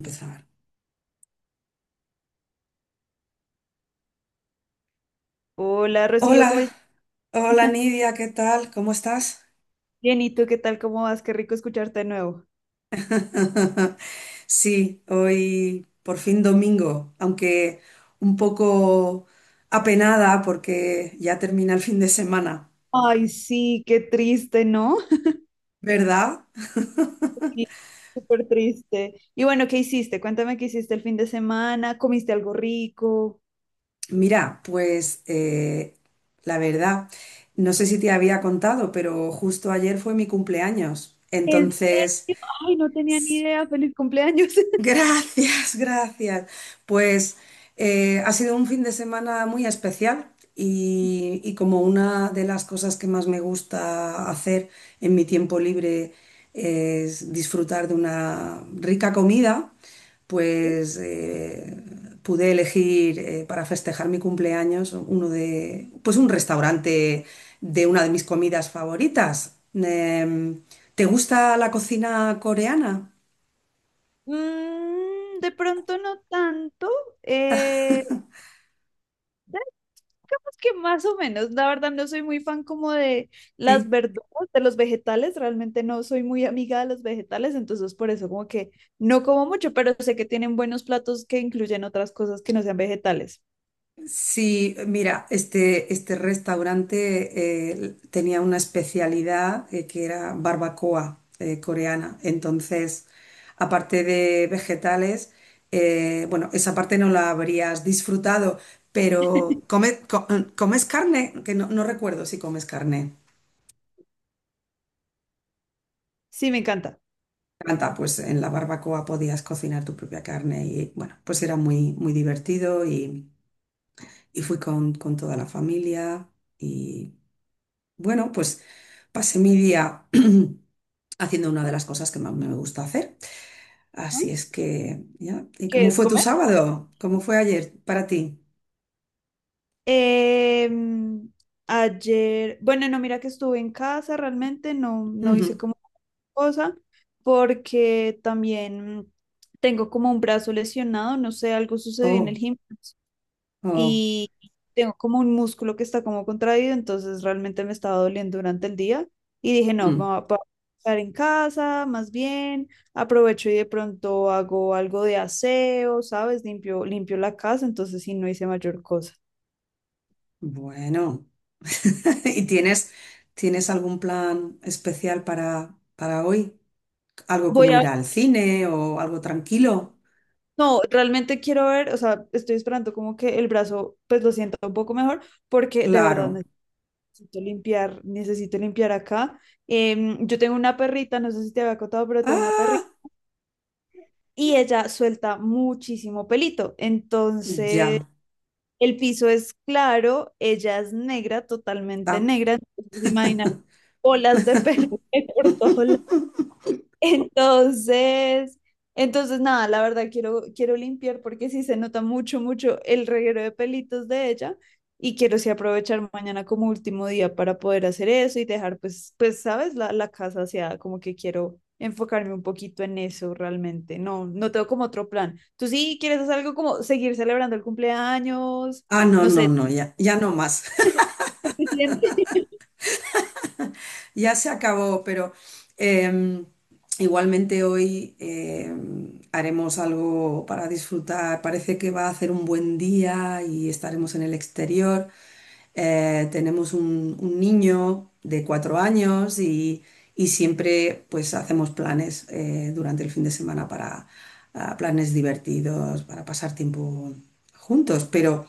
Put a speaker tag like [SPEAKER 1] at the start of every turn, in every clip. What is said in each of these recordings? [SPEAKER 1] Empezar.
[SPEAKER 2] Hola Rocío, ¿cómo
[SPEAKER 1] Hola,
[SPEAKER 2] estás?
[SPEAKER 1] hola Nidia, ¿qué tal? ¿Cómo estás?
[SPEAKER 2] Bien, ¿y tú qué tal? ¿Cómo vas? Qué rico escucharte de nuevo.
[SPEAKER 1] Sí, hoy por fin domingo, aunque un poco apenada porque ya termina el fin de semana,
[SPEAKER 2] Ay, sí, qué triste, ¿no?
[SPEAKER 1] ¿verdad?
[SPEAKER 2] Sí, súper triste. Y bueno, ¿qué hiciste? Cuéntame qué hiciste el fin de semana. ¿Comiste algo rico?
[SPEAKER 1] Mira, pues la verdad, no sé si te había contado, pero justo ayer fue mi cumpleaños.
[SPEAKER 2] ¿En
[SPEAKER 1] Entonces,
[SPEAKER 2] serio? Ay, no tenía ni idea. Feliz cumpleaños.
[SPEAKER 1] gracias, gracias. Pues ha sido un fin de semana muy especial y como una de las cosas que más me gusta hacer en mi tiempo libre es disfrutar de una rica comida,
[SPEAKER 2] Sí.
[SPEAKER 1] pues pude elegir para festejar mi cumpleaños pues un restaurante de una de mis comidas favoritas. ¿Te gusta la cocina coreana?
[SPEAKER 2] Mm, de pronto no tanto, eh, digamos que más o menos, la verdad no soy muy fan como de las
[SPEAKER 1] Sí.
[SPEAKER 2] verduras, de los vegetales, realmente no soy muy amiga de los vegetales, entonces por eso como que no como mucho, pero sé que tienen buenos platos que incluyen otras cosas que no sean vegetales.
[SPEAKER 1] Sí, mira, este restaurante tenía una especialidad que era barbacoa coreana. Entonces, aparte de vegetales, bueno, esa parte no la habrías disfrutado, pero ¿comes carne? Que no, no recuerdo si comes carne.
[SPEAKER 2] Sí, me encanta.
[SPEAKER 1] Canta, pues en la barbacoa podías cocinar tu propia carne y bueno, pues era muy, muy divertido y fui con toda la familia y bueno, pues pasé mi día haciendo una de las cosas que más me gusta hacer. Así
[SPEAKER 2] ¿No?
[SPEAKER 1] es que, ya. ¿Y
[SPEAKER 2] ¿Qué
[SPEAKER 1] cómo
[SPEAKER 2] es
[SPEAKER 1] fue tu
[SPEAKER 2] comer?
[SPEAKER 1] sábado? ¿Cómo fue ayer para ti?
[SPEAKER 2] Em, ayer, bueno, no, mira que estuve en casa, realmente no hice
[SPEAKER 1] Ujú.
[SPEAKER 2] como cosa, porque también tengo como un brazo lesionado, no sé, algo sucedió en el
[SPEAKER 1] Oh,
[SPEAKER 2] gimnasio
[SPEAKER 1] oh.
[SPEAKER 2] y tengo como un músculo que está como contraído, entonces realmente me estaba doliendo durante el día y dije, no, me
[SPEAKER 1] Mm.
[SPEAKER 2] voy a estar en casa, más bien, aprovecho y de pronto hago algo de aseo, ¿sabes? Limpio, limpio la casa, entonces sí, no hice mayor cosa.
[SPEAKER 1] Bueno. ¿Y tienes algún plan especial para hoy? ¿Algo como
[SPEAKER 2] Voy a
[SPEAKER 1] ir al cine o algo
[SPEAKER 2] ver.
[SPEAKER 1] tranquilo?
[SPEAKER 2] No, realmente quiero ver, o sea, estoy esperando como que el brazo pues lo sienta un poco mejor porque de verdad
[SPEAKER 1] Claro.
[SPEAKER 2] necesito limpiar acá. Yo tengo una perrita, no sé si te había contado, pero tengo una perrita
[SPEAKER 1] Ah,
[SPEAKER 2] y ella suelta muchísimo pelito. Entonces,
[SPEAKER 1] ya.
[SPEAKER 2] el piso es claro, ella es negra, totalmente
[SPEAKER 1] Ah.
[SPEAKER 2] negra, entonces imaginar bolas de pelo por todos Entonces, entonces, nada, la verdad quiero, quiero limpiar porque sí se nota mucho, mucho el reguero de pelitos de ella y quiero sí aprovechar mañana como último día para poder hacer eso y dejar pues, pues, sabes, la casa hacia como que quiero enfocarme un poquito en eso realmente. No, no tengo como otro plan. ¿Tú sí quieres hacer algo como seguir celebrando el cumpleaños?
[SPEAKER 1] Ah, no,
[SPEAKER 2] No
[SPEAKER 1] no,
[SPEAKER 2] sé.
[SPEAKER 1] no, ya, ya no más. Ya se acabó, pero em, igualmente hoy haremos algo para disfrutar. Parece que va a hacer un buen día y estaremos en el exterior. Tenemos un niño de 4 años y siempre pues hacemos planes durante el fin de semana para planes divertidos, para pasar tiempo juntos. Pero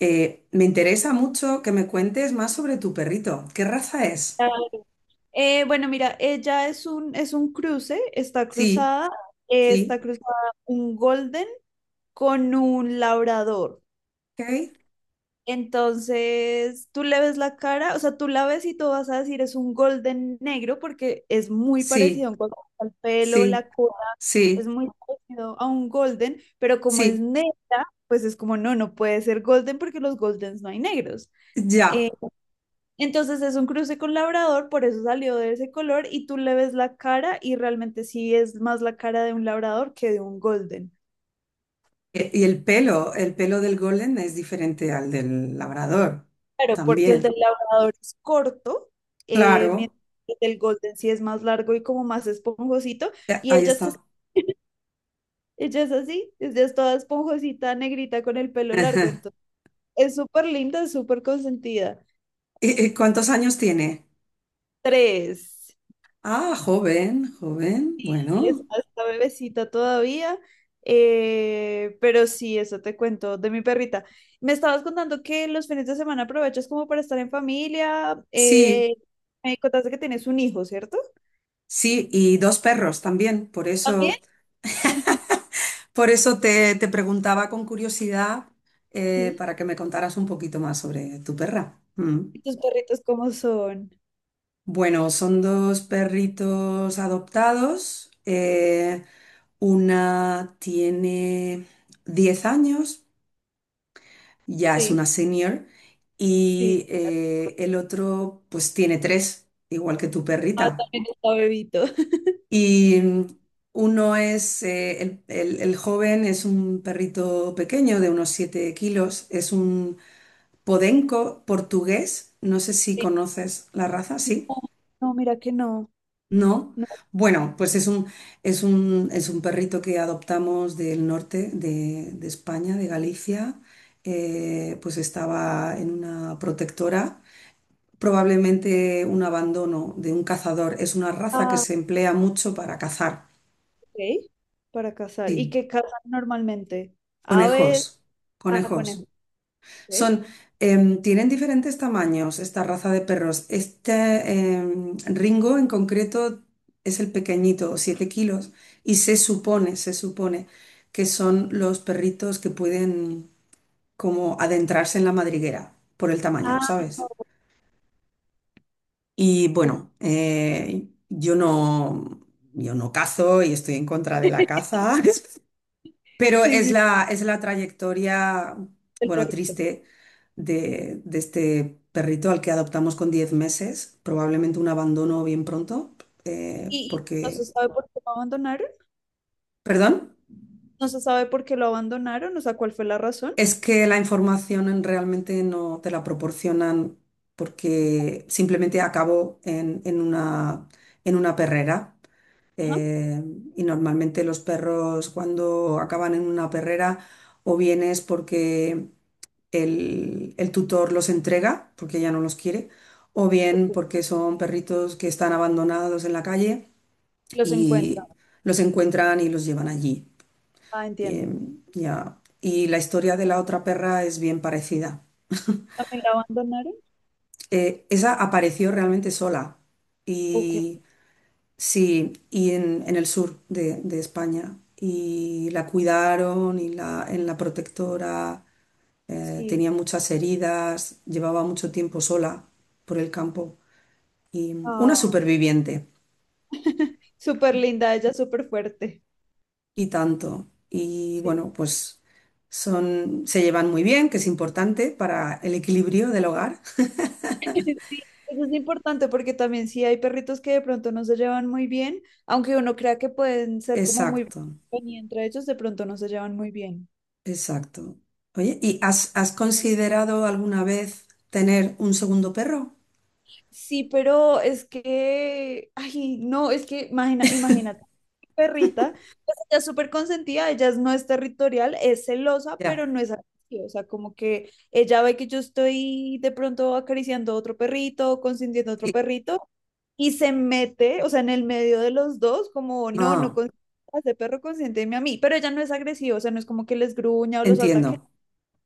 [SPEAKER 1] me interesa mucho que me cuentes más sobre tu perrito. ¿Qué raza es?
[SPEAKER 2] Claro. Bueno, mira, ella es es un cruce,
[SPEAKER 1] Sí.
[SPEAKER 2] está
[SPEAKER 1] Sí,
[SPEAKER 2] cruzada un golden con un labrador.
[SPEAKER 1] ok,
[SPEAKER 2] Entonces, tú le ves la cara, o sea, tú la ves y tú vas a decir es un golden negro porque es muy parecido
[SPEAKER 1] sí,
[SPEAKER 2] en cuanto al pelo, la
[SPEAKER 1] sí,
[SPEAKER 2] cola, es
[SPEAKER 1] sí,
[SPEAKER 2] muy parecido a un golden, pero como es
[SPEAKER 1] sí,
[SPEAKER 2] negra, pues es como no, no puede ser golden porque los goldens no hay negros.
[SPEAKER 1] ya.
[SPEAKER 2] Entonces es un cruce con labrador, por eso salió de ese color y tú le ves la cara y realmente sí es más la cara de un labrador que de un golden.
[SPEAKER 1] Y el pelo del golden es diferente al del labrador,
[SPEAKER 2] Claro, porque el del
[SPEAKER 1] también.
[SPEAKER 2] labrador es corto,
[SPEAKER 1] Claro,
[SPEAKER 2] mientras que el del golden sí es más largo y como más esponjosito y
[SPEAKER 1] ahí
[SPEAKER 2] ella es así,
[SPEAKER 1] está.
[SPEAKER 2] ella es así, ella es toda esponjosita, negrita con el pelo largo,
[SPEAKER 1] Ajá.
[SPEAKER 2] entonces es súper linda, es súper consentida.
[SPEAKER 1] ¿Y cuántos años tiene?
[SPEAKER 2] Tres.
[SPEAKER 1] Ah, joven, joven,
[SPEAKER 2] Es
[SPEAKER 1] bueno.
[SPEAKER 2] hasta bebecita todavía, pero sí, eso te cuento de mi perrita. Me estabas contando que los fines de semana aprovechas como para estar en familia.
[SPEAKER 1] Sí,
[SPEAKER 2] Me contaste que tienes un hijo, ¿cierto?
[SPEAKER 1] sí, y dos perros también.
[SPEAKER 2] También.
[SPEAKER 1] Por eso te preguntaba con curiosidad
[SPEAKER 2] Sí.
[SPEAKER 1] para que me contaras un poquito más sobre tu perra. Mm.
[SPEAKER 2] ¿Y tus perritos cómo son?
[SPEAKER 1] Bueno, son dos perritos adoptados. Una tiene 10 años, ya es
[SPEAKER 2] Sí,
[SPEAKER 1] una senior,
[SPEAKER 2] sí.
[SPEAKER 1] y el otro pues tiene 3, igual que tu
[SPEAKER 2] Ah,
[SPEAKER 1] perrita.
[SPEAKER 2] también está bebito.
[SPEAKER 1] Y el joven es un perrito pequeño de unos 7 kilos, es un podenco portugués, no sé si
[SPEAKER 2] Sí.
[SPEAKER 1] conoces la raza,
[SPEAKER 2] No,
[SPEAKER 1] ¿sí?
[SPEAKER 2] no, mira que no.
[SPEAKER 1] No,
[SPEAKER 2] No.
[SPEAKER 1] bueno, pues es un perrito que adoptamos del norte de España, de Galicia. Pues estaba en una protectora, probablemente un abandono de un cazador. Es una raza que
[SPEAKER 2] Ah,
[SPEAKER 1] se emplea mucho para cazar.
[SPEAKER 2] ok. Para cazar. ¿Y
[SPEAKER 1] Sí,
[SPEAKER 2] qué cazan normalmente? Aves,
[SPEAKER 1] conejos,
[SPEAKER 2] ah,
[SPEAKER 1] conejos.
[SPEAKER 2] conejos. Ok.
[SPEAKER 1] Son, tienen diferentes tamaños esta raza de perros. Este Ringo en concreto es el pequeñito, 7 kilos, y se supone que son los perritos que pueden como adentrarse en la madriguera por el tamaño,
[SPEAKER 2] Ah,
[SPEAKER 1] ¿sabes? Y
[SPEAKER 2] ok.
[SPEAKER 1] bueno, yo no cazo y estoy en contra de la caza. Pero
[SPEAKER 2] Sí,
[SPEAKER 1] es
[SPEAKER 2] sí,
[SPEAKER 1] la, es la trayectoria,
[SPEAKER 2] el
[SPEAKER 1] bueno,
[SPEAKER 2] perrito.
[SPEAKER 1] triste de este perrito al que adoptamos con 10 meses, probablemente un abandono bien pronto, eh,
[SPEAKER 2] Y no se
[SPEAKER 1] porque,
[SPEAKER 2] sabe por qué lo abandonaron,
[SPEAKER 1] perdón,
[SPEAKER 2] no se sabe por qué lo abandonaron, o sea, cuál fue la razón.
[SPEAKER 1] es que la información realmente no te la proporcionan porque simplemente acabó en una perrera.
[SPEAKER 2] Ajá.
[SPEAKER 1] eh, y normalmente los perros cuando acaban en una perrera o bien es porque el tutor los entrega porque ya no los quiere, o bien
[SPEAKER 2] Ok,
[SPEAKER 1] porque son perritos que están abandonados en la calle
[SPEAKER 2] los encuentran.
[SPEAKER 1] y los encuentran y los llevan allí.
[SPEAKER 2] Ah,
[SPEAKER 1] Y,
[SPEAKER 2] entiendo.
[SPEAKER 1] ya. Y la historia de la otra perra es bien parecida.
[SPEAKER 2] ¿También la abandonaron?
[SPEAKER 1] Esa apareció realmente sola
[SPEAKER 2] Ok.
[SPEAKER 1] y sí, y en el sur de España. Y la cuidaron y la, en la protectora. eh,
[SPEAKER 2] Sí.
[SPEAKER 1] tenía muchas heridas, llevaba mucho tiempo sola por el campo y una
[SPEAKER 2] Ah,
[SPEAKER 1] superviviente
[SPEAKER 2] súper linda, ella súper fuerte.
[SPEAKER 1] y tanto. Y
[SPEAKER 2] Sí.
[SPEAKER 1] bueno, pues son, se llevan muy bien, que es importante para el equilibrio del hogar.
[SPEAKER 2] Sí, eso es importante porque también sí hay perritos que de pronto no se llevan muy bien, aunque uno crea que pueden ser como muy
[SPEAKER 1] Exacto,
[SPEAKER 2] buenos y entre ellos de pronto no se llevan muy bien.
[SPEAKER 1] exacto. Oye, ¿y has considerado alguna vez tener un segundo perro?
[SPEAKER 2] Sí, pero es que, ay, no, es que imagina, imagínate, perrita, pues ella es súper consentida, ella no es territorial, es celosa,
[SPEAKER 1] Ya.
[SPEAKER 2] pero no es agresiva, o sea, como que ella ve que yo estoy de pronto acariciando a otro perrito, consintiendo a otro
[SPEAKER 1] Y-
[SPEAKER 2] perrito, y se mete, o sea, en el medio de los dos, como, no, no
[SPEAKER 1] Ah,
[SPEAKER 2] consientas a ese perro, consiénteme a mí, pero ella no es agresiva, o sea, no es como que les gruña o los ataque,
[SPEAKER 1] entiendo.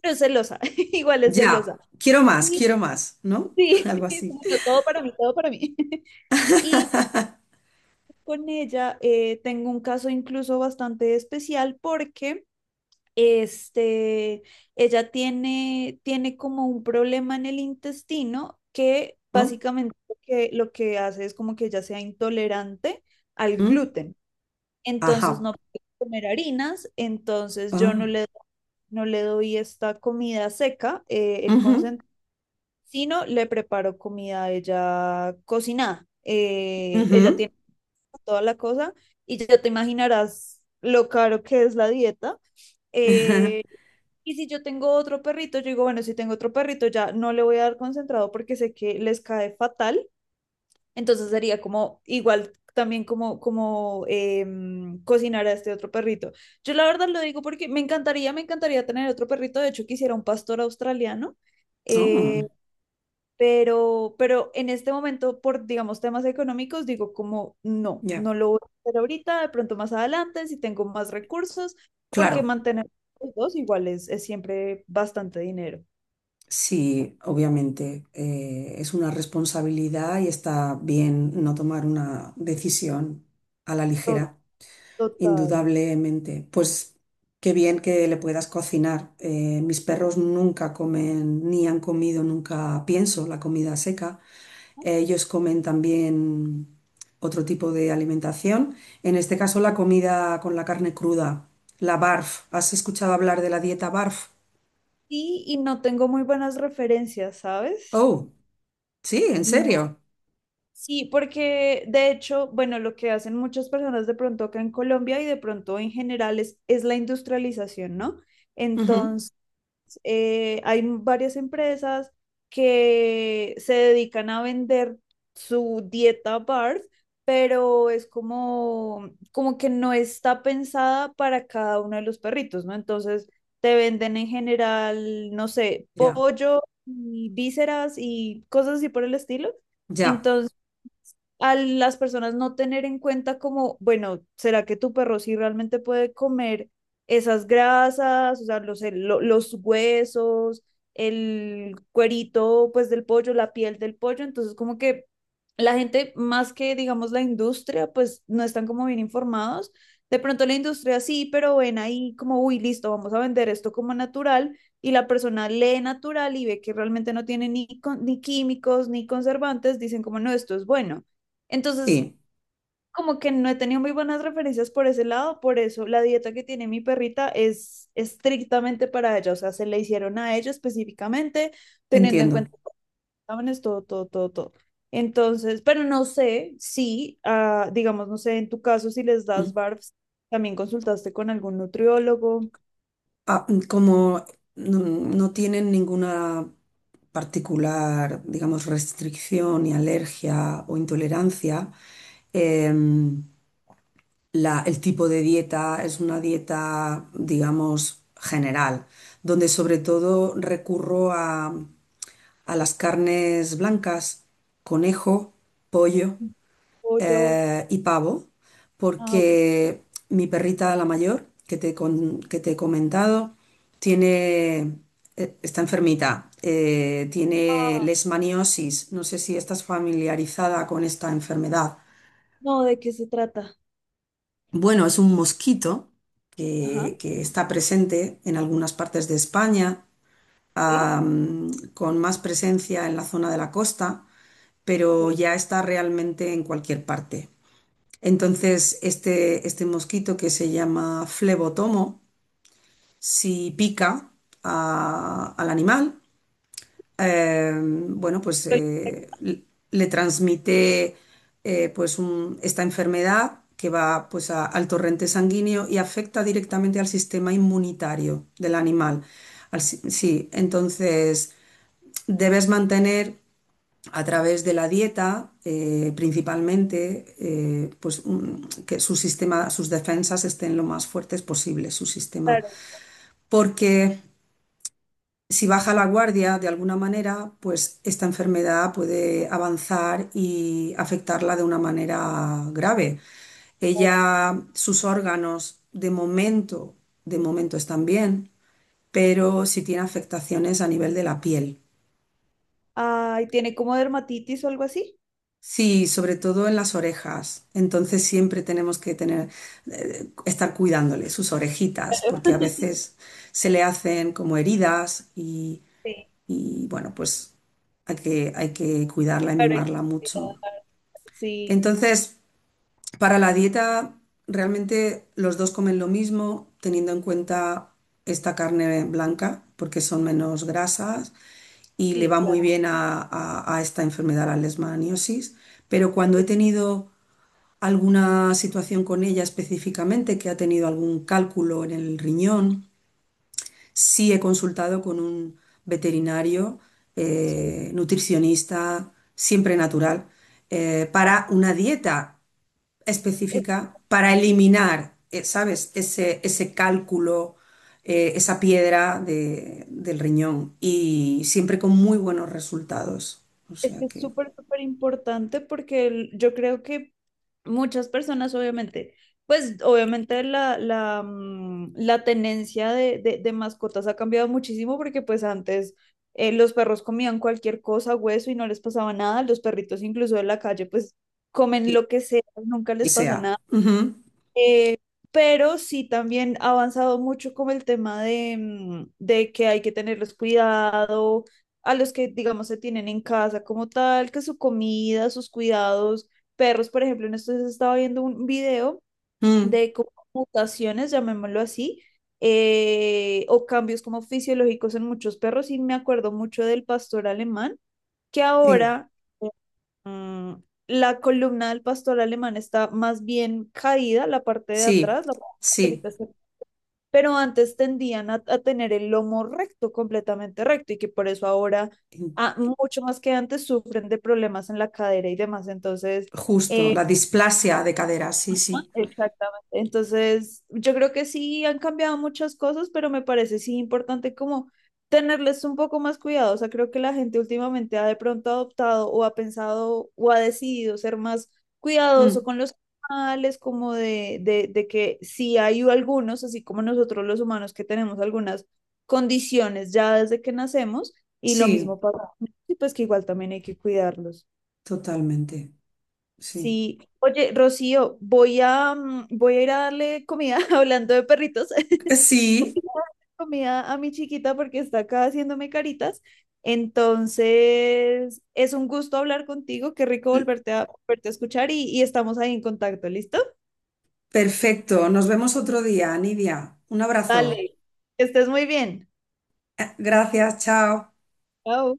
[SPEAKER 2] pero es celosa, igual es
[SPEAKER 1] Ya.
[SPEAKER 2] celosa. Sí,
[SPEAKER 1] Quiero más, ¿no?
[SPEAKER 2] sí,
[SPEAKER 1] Algo así.
[SPEAKER 2] todo para mí, todo para mí. Y con ella tengo un caso incluso bastante especial porque este, ella tiene, tiene como un problema en el intestino que
[SPEAKER 1] ¿No?
[SPEAKER 2] básicamente lo que hace es como que ella sea intolerante al
[SPEAKER 1] ¿Mm?
[SPEAKER 2] gluten. Entonces
[SPEAKER 1] Ajá.
[SPEAKER 2] no puede comer harinas, entonces yo no
[SPEAKER 1] Ah.
[SPEAKER 2] le, no le doy esta comida seca, el
[SPEAKER 1] Ujú,
[SPEAKER 2] concentrado, sino le preparo comida a ella cocinada. Ella
[SPEAKER 1] ujú,
[SPEAKER 2] tiene toda la cosa, y ya te imaginarás lo caro que es la dieta.
[SPEAKER 1] ajá.
[SPEAKER 2] Eh, y si yo tengo otro perrito, yo digo, bueno, si tengo otro perrito, ya no le voy a dar concentrado porque sé que les cae fatal. Entonces sería como igual también como, como cocinar a este otro perrito. Yo la verdad lo digo porque me encantaría tener otro perrito. De hecho, quisiera un pastor australiano. Eh,
[SPEAKER 1] Oh,
[SPEAKER 2] pero en este momento, por, digamos, temas económicos, digo como, no,
[SPEAKER 1] ya.
[SPEAKER 2] no lo voy a hacer ahorita, de pronto más adelante, si tengo más recursos, porque
[SPEAKER 1] Claro,
[SPEAKER 2] mantener los dos igual es siempre bastante dinero.
[SPEAKER 1] sí, obviamente es una responsabilidad y está bien no tomar una decisión a la
[SPEAKER 2] To-
[SPEAKER 1] ligera.
[SPEAKER 2] Total.
[SPEAKER 1] Indudablemente. Pues qué bien que le puedas cocinar. Mis perros nunca comen, ni han comido nunca, pienso, la comida seca. Ellos comen también otro tipo de alimentación. En este caso, la comida con la carne cruda, la BARF. ¿Has escuchado hablar de la dieta BARF?
[SPEAKER 2] Sí, y no tengo muy buenas referencias, ¿sabes?
[SPEAKER 1] Oh, sí, en
[SPEAKER 2] No.
[SPEAKER 1] serio.
[SPEAKER 2] Sí, porque de hecho, bueno, lo que hacen muchas personas de pronto acá en Colombia y de pronto en general es la industrialización, ¿no?
[SPEAKER 1] Ujú,
[SPEAKER 2] Entonces, hay varias empresas que se dedican a vender su dieta BARF, pero es como, como que no está pensada para cada uno de los perritos, ¿no? Entonces te venden en general, no sé,
[SPEAKER 1] ya,
[SPEAKER 2] pollo y vísceras y cosas así por el estilo
[SPEAKER 1] ya,
[SPEAKER 2] a las personas no tener en cuenta como, bueno, ¿será que tu perro sí realmente puede comer esas grasas, o sea, los, los huesos, el cuerito pues del pollo, la piel del pollo? Entonces como que la gente, más que digamos la industria, pues no están como bien informados. De pronto la industria sí, pero ven ahí como, uy, listo, vamos a vender esto como natural y la persona lee natural y ve que realmente no tiene ni, ni químicos ni conservantes, dicen como, no, esto es bueno. Entonces,
[SPEAKER 1] sí,
[SPEAKER 2] como que no he tenido muy buenas referencias por ese lado, por eso la dieta que tiene mi perrita es estrictamente para ella, o sea, se le hicieron a ella específicamente, teniendo en cuenta
[SPEAKER 1] entiendo.
[SPEAKER 2] los exámenes, todo, todo, todo, todo. Entonces, pero no sé si, ah, digamos, no sé, en tu caso, si les das BARFs, también consultaste con algún nutriólogo,
[SPEAKER 1] Ah, como no, no tienen ninguna particular, digamos, restricción ni alergia o intolerancia, em, el tipo de dieta es una dieta, digamos, general, donde sobre todo recurro a las carnes blancas, conejo, pollo
[SPEAKER 2] o yo.
[SPEAKER 1] y pavo,
[SPEAKER 2] Ah, ok.
[SPEAKER 1] porque mi perrita, la mayor, que te he comentado, tiene, está enfermita, tiene
[SPEAKER 2] Ah,
[SPEAKER 1] leishmaniosis. No sé si estás familiarizada con esta enfermedad.
[SPEAKER 2] no, ¿de qué se trata?
[SPEAKER 1] Bueno, es un mosquito
[SPEAKER 2] Ajá,
[SPEAKER 1] que está presente en algunas partes de España,
[SPEAKER 2] sí.
[SPEAKER 1] con más presencia en la zona de la costa,
[SPEAKER 2] Sí.
[SPEAKER 1] pero ya está realmente en cualquier parte. Entonces, este mosquito que se llama flebotomo, si pica al animal, eh, bueno, pues le transmite pues esta enfermedad que va pues al torrente sanguíneo y afecta directamente al sistema inmunitario del animal. Al si- Sí, entonces debes mantener a través de la dieta, principalmente, pues que su sistema, sus defensas estén lo más fuertes posible, su sistema.
[SPEAKER 2] Claro,
[SPEAKER 1] Porque si baja la guardia de alguna manera, pues esta enfermedad puede avanzar y afectarla de una manera grave.
[SPEAKER 2] claro.
[SPEAKER 1] Ella, sus órganos, de momento están bien, pero sí tiene afectaciones a nivel de la piel.
[SPEAKER 2] Ay, ¿tiene como dermatitis o algo así?
[SPEAKER 1] Sí, sobre todo en las orejas. Entonces siempre tenemos que tener, estar cuidándole sus orejitas, porque a veces se le hacen como heridas y,
[SPEAKER 2] Sí,
[SPEAKER 1] y, bueno, pues hay que cuidarla y
[SPEAKER 2] para
[SPEAKER 1] mimarla mucho.
[SPEAKER 2] estudiar. Sí,
[SPEAKER 1] Entonces, para la dieta, realmente los dos comen lo mismo, teniendo en cuenta esta carne blanca, porque son menos grasas y le
[SPEAKER 2] sí,
[SPEAKER 1] va muy
[SPEAKER 2] claro.
[SPEAKER 1] bien a esta enfermedad, la leishmaniosis. Pero cuando he tenido alguna situación con ella específicamente que ha tenido algún cálculo en el riñón. Sí he consultado con un veterinario,
[SPEAKER 2] Sí.
[SPEAKER 1] nutricionista, siempre natural, para una dieta
[SPEAKER 2] Es,
[SPEAKER 1] específica para eliminar, ¿sabes?, ese cálculo, esa piedra del riñón y siempre con muy buenos resultados. O
[SPEAKER 2] es
[SPEAKER 1] sea
[SPEAKER 2] que es
[SPEAKER 1] que,
[SPEAKER 2] súper, súper importante porque el- yo creo que muchas personas, obviamente, pues obviamente mm, la tenencia de, de mascotas ha cambiado muchísimo porque pues antes los perros comían cualquier cosa, hueso y no les pasaba nada, los perritos incluso de la calle pues comen
[SPEAKER 1] sí,
[SPEAKER 2] lo que sea, nunca
[SPEAKER 1] que
[SPEAKER 2] les pasa nada.
[SPEAKER 1] sea. Ujú,
[SPEAKER 2] Eh, pero sí también ha avanzado mucho como el tema de, mm, de que hay que tenerles cuidado a los que, digamos, se tienen en casa como tal, que su comida, sus cuidados, perros, por ejemplo, en estos días estaba viendo un video
[SPEAKER 1] mm,
[SPEAKER 2] de como mutaciones, llamémoslo así, o cambios como fisiológicos en muchos perros y me acuerdo mucho del pastor alemán, que
[SPEAKER 1] sí.
[SPEAKER 2] ahora mm, la columna del pastor alemán está más bien caída, la parte de
[SPEAKER 1] Sí,
[SPEAKER 2] atrás, la parte
[SPEAKER 1] sí,
[SPEAKER 2] solita está- pero antes tendían a tener el lomo recto, completamente recto, y que por eso ahora, ah, mucho más que antes, sufren de problemas en la cadera y demás. Entonces,
[SPEAKER 1] justo,
[SPEAKER 2] eh,
[SPEAKER 1] la displasia de cadera, sí, sí.
[SPEAKER 2] exactamente. Entonces, yo creo que sí han cambiado muchas cosas, pero me parece sí importante como tenerles un poco más cuidado. O sea, creo que la gente últimamente ha de pronto adoptado o ha pensado o ha decidido ser más cuidadoso
[SPEAKER 1] Mm,
[SPEAKER 2] con los animales, como de, de que si hay algunos, así como nosotros los humanos que tenemos algunas condiciones ya desde que nacemos, y lo
[SPEAKER 1] sí,
[SPEAKER 2] mismo pasa, y pues que igual también hay que cuidarlos.
[SPEAKER 1] totalmente, sí.
[SPEAKER 2] Sí, oye, Rocío, voy a, mm, voy a ir a darle comida, hablando de perritos, voy
[SPEAKER 1] Sí,
[SPEAKER 2] a darle comida a mi chiquita porque está acá haciéndome caritas. Entonces, es un gusto hablar contigo, qué rico volverte a, volverte a escuchar y estamos ahí en contacto, ¿listo?
[SPEAKER 1] perfecto. Nos vemos otro día, Nidia. Un
[SPEAKER 2] Dale,
[SPEAKER 1] abrazo.
[SPEAKER 2] que estés muy bien.
[SPEAKER 1] Gracias, chao.
[SPEAKER 2] Chao.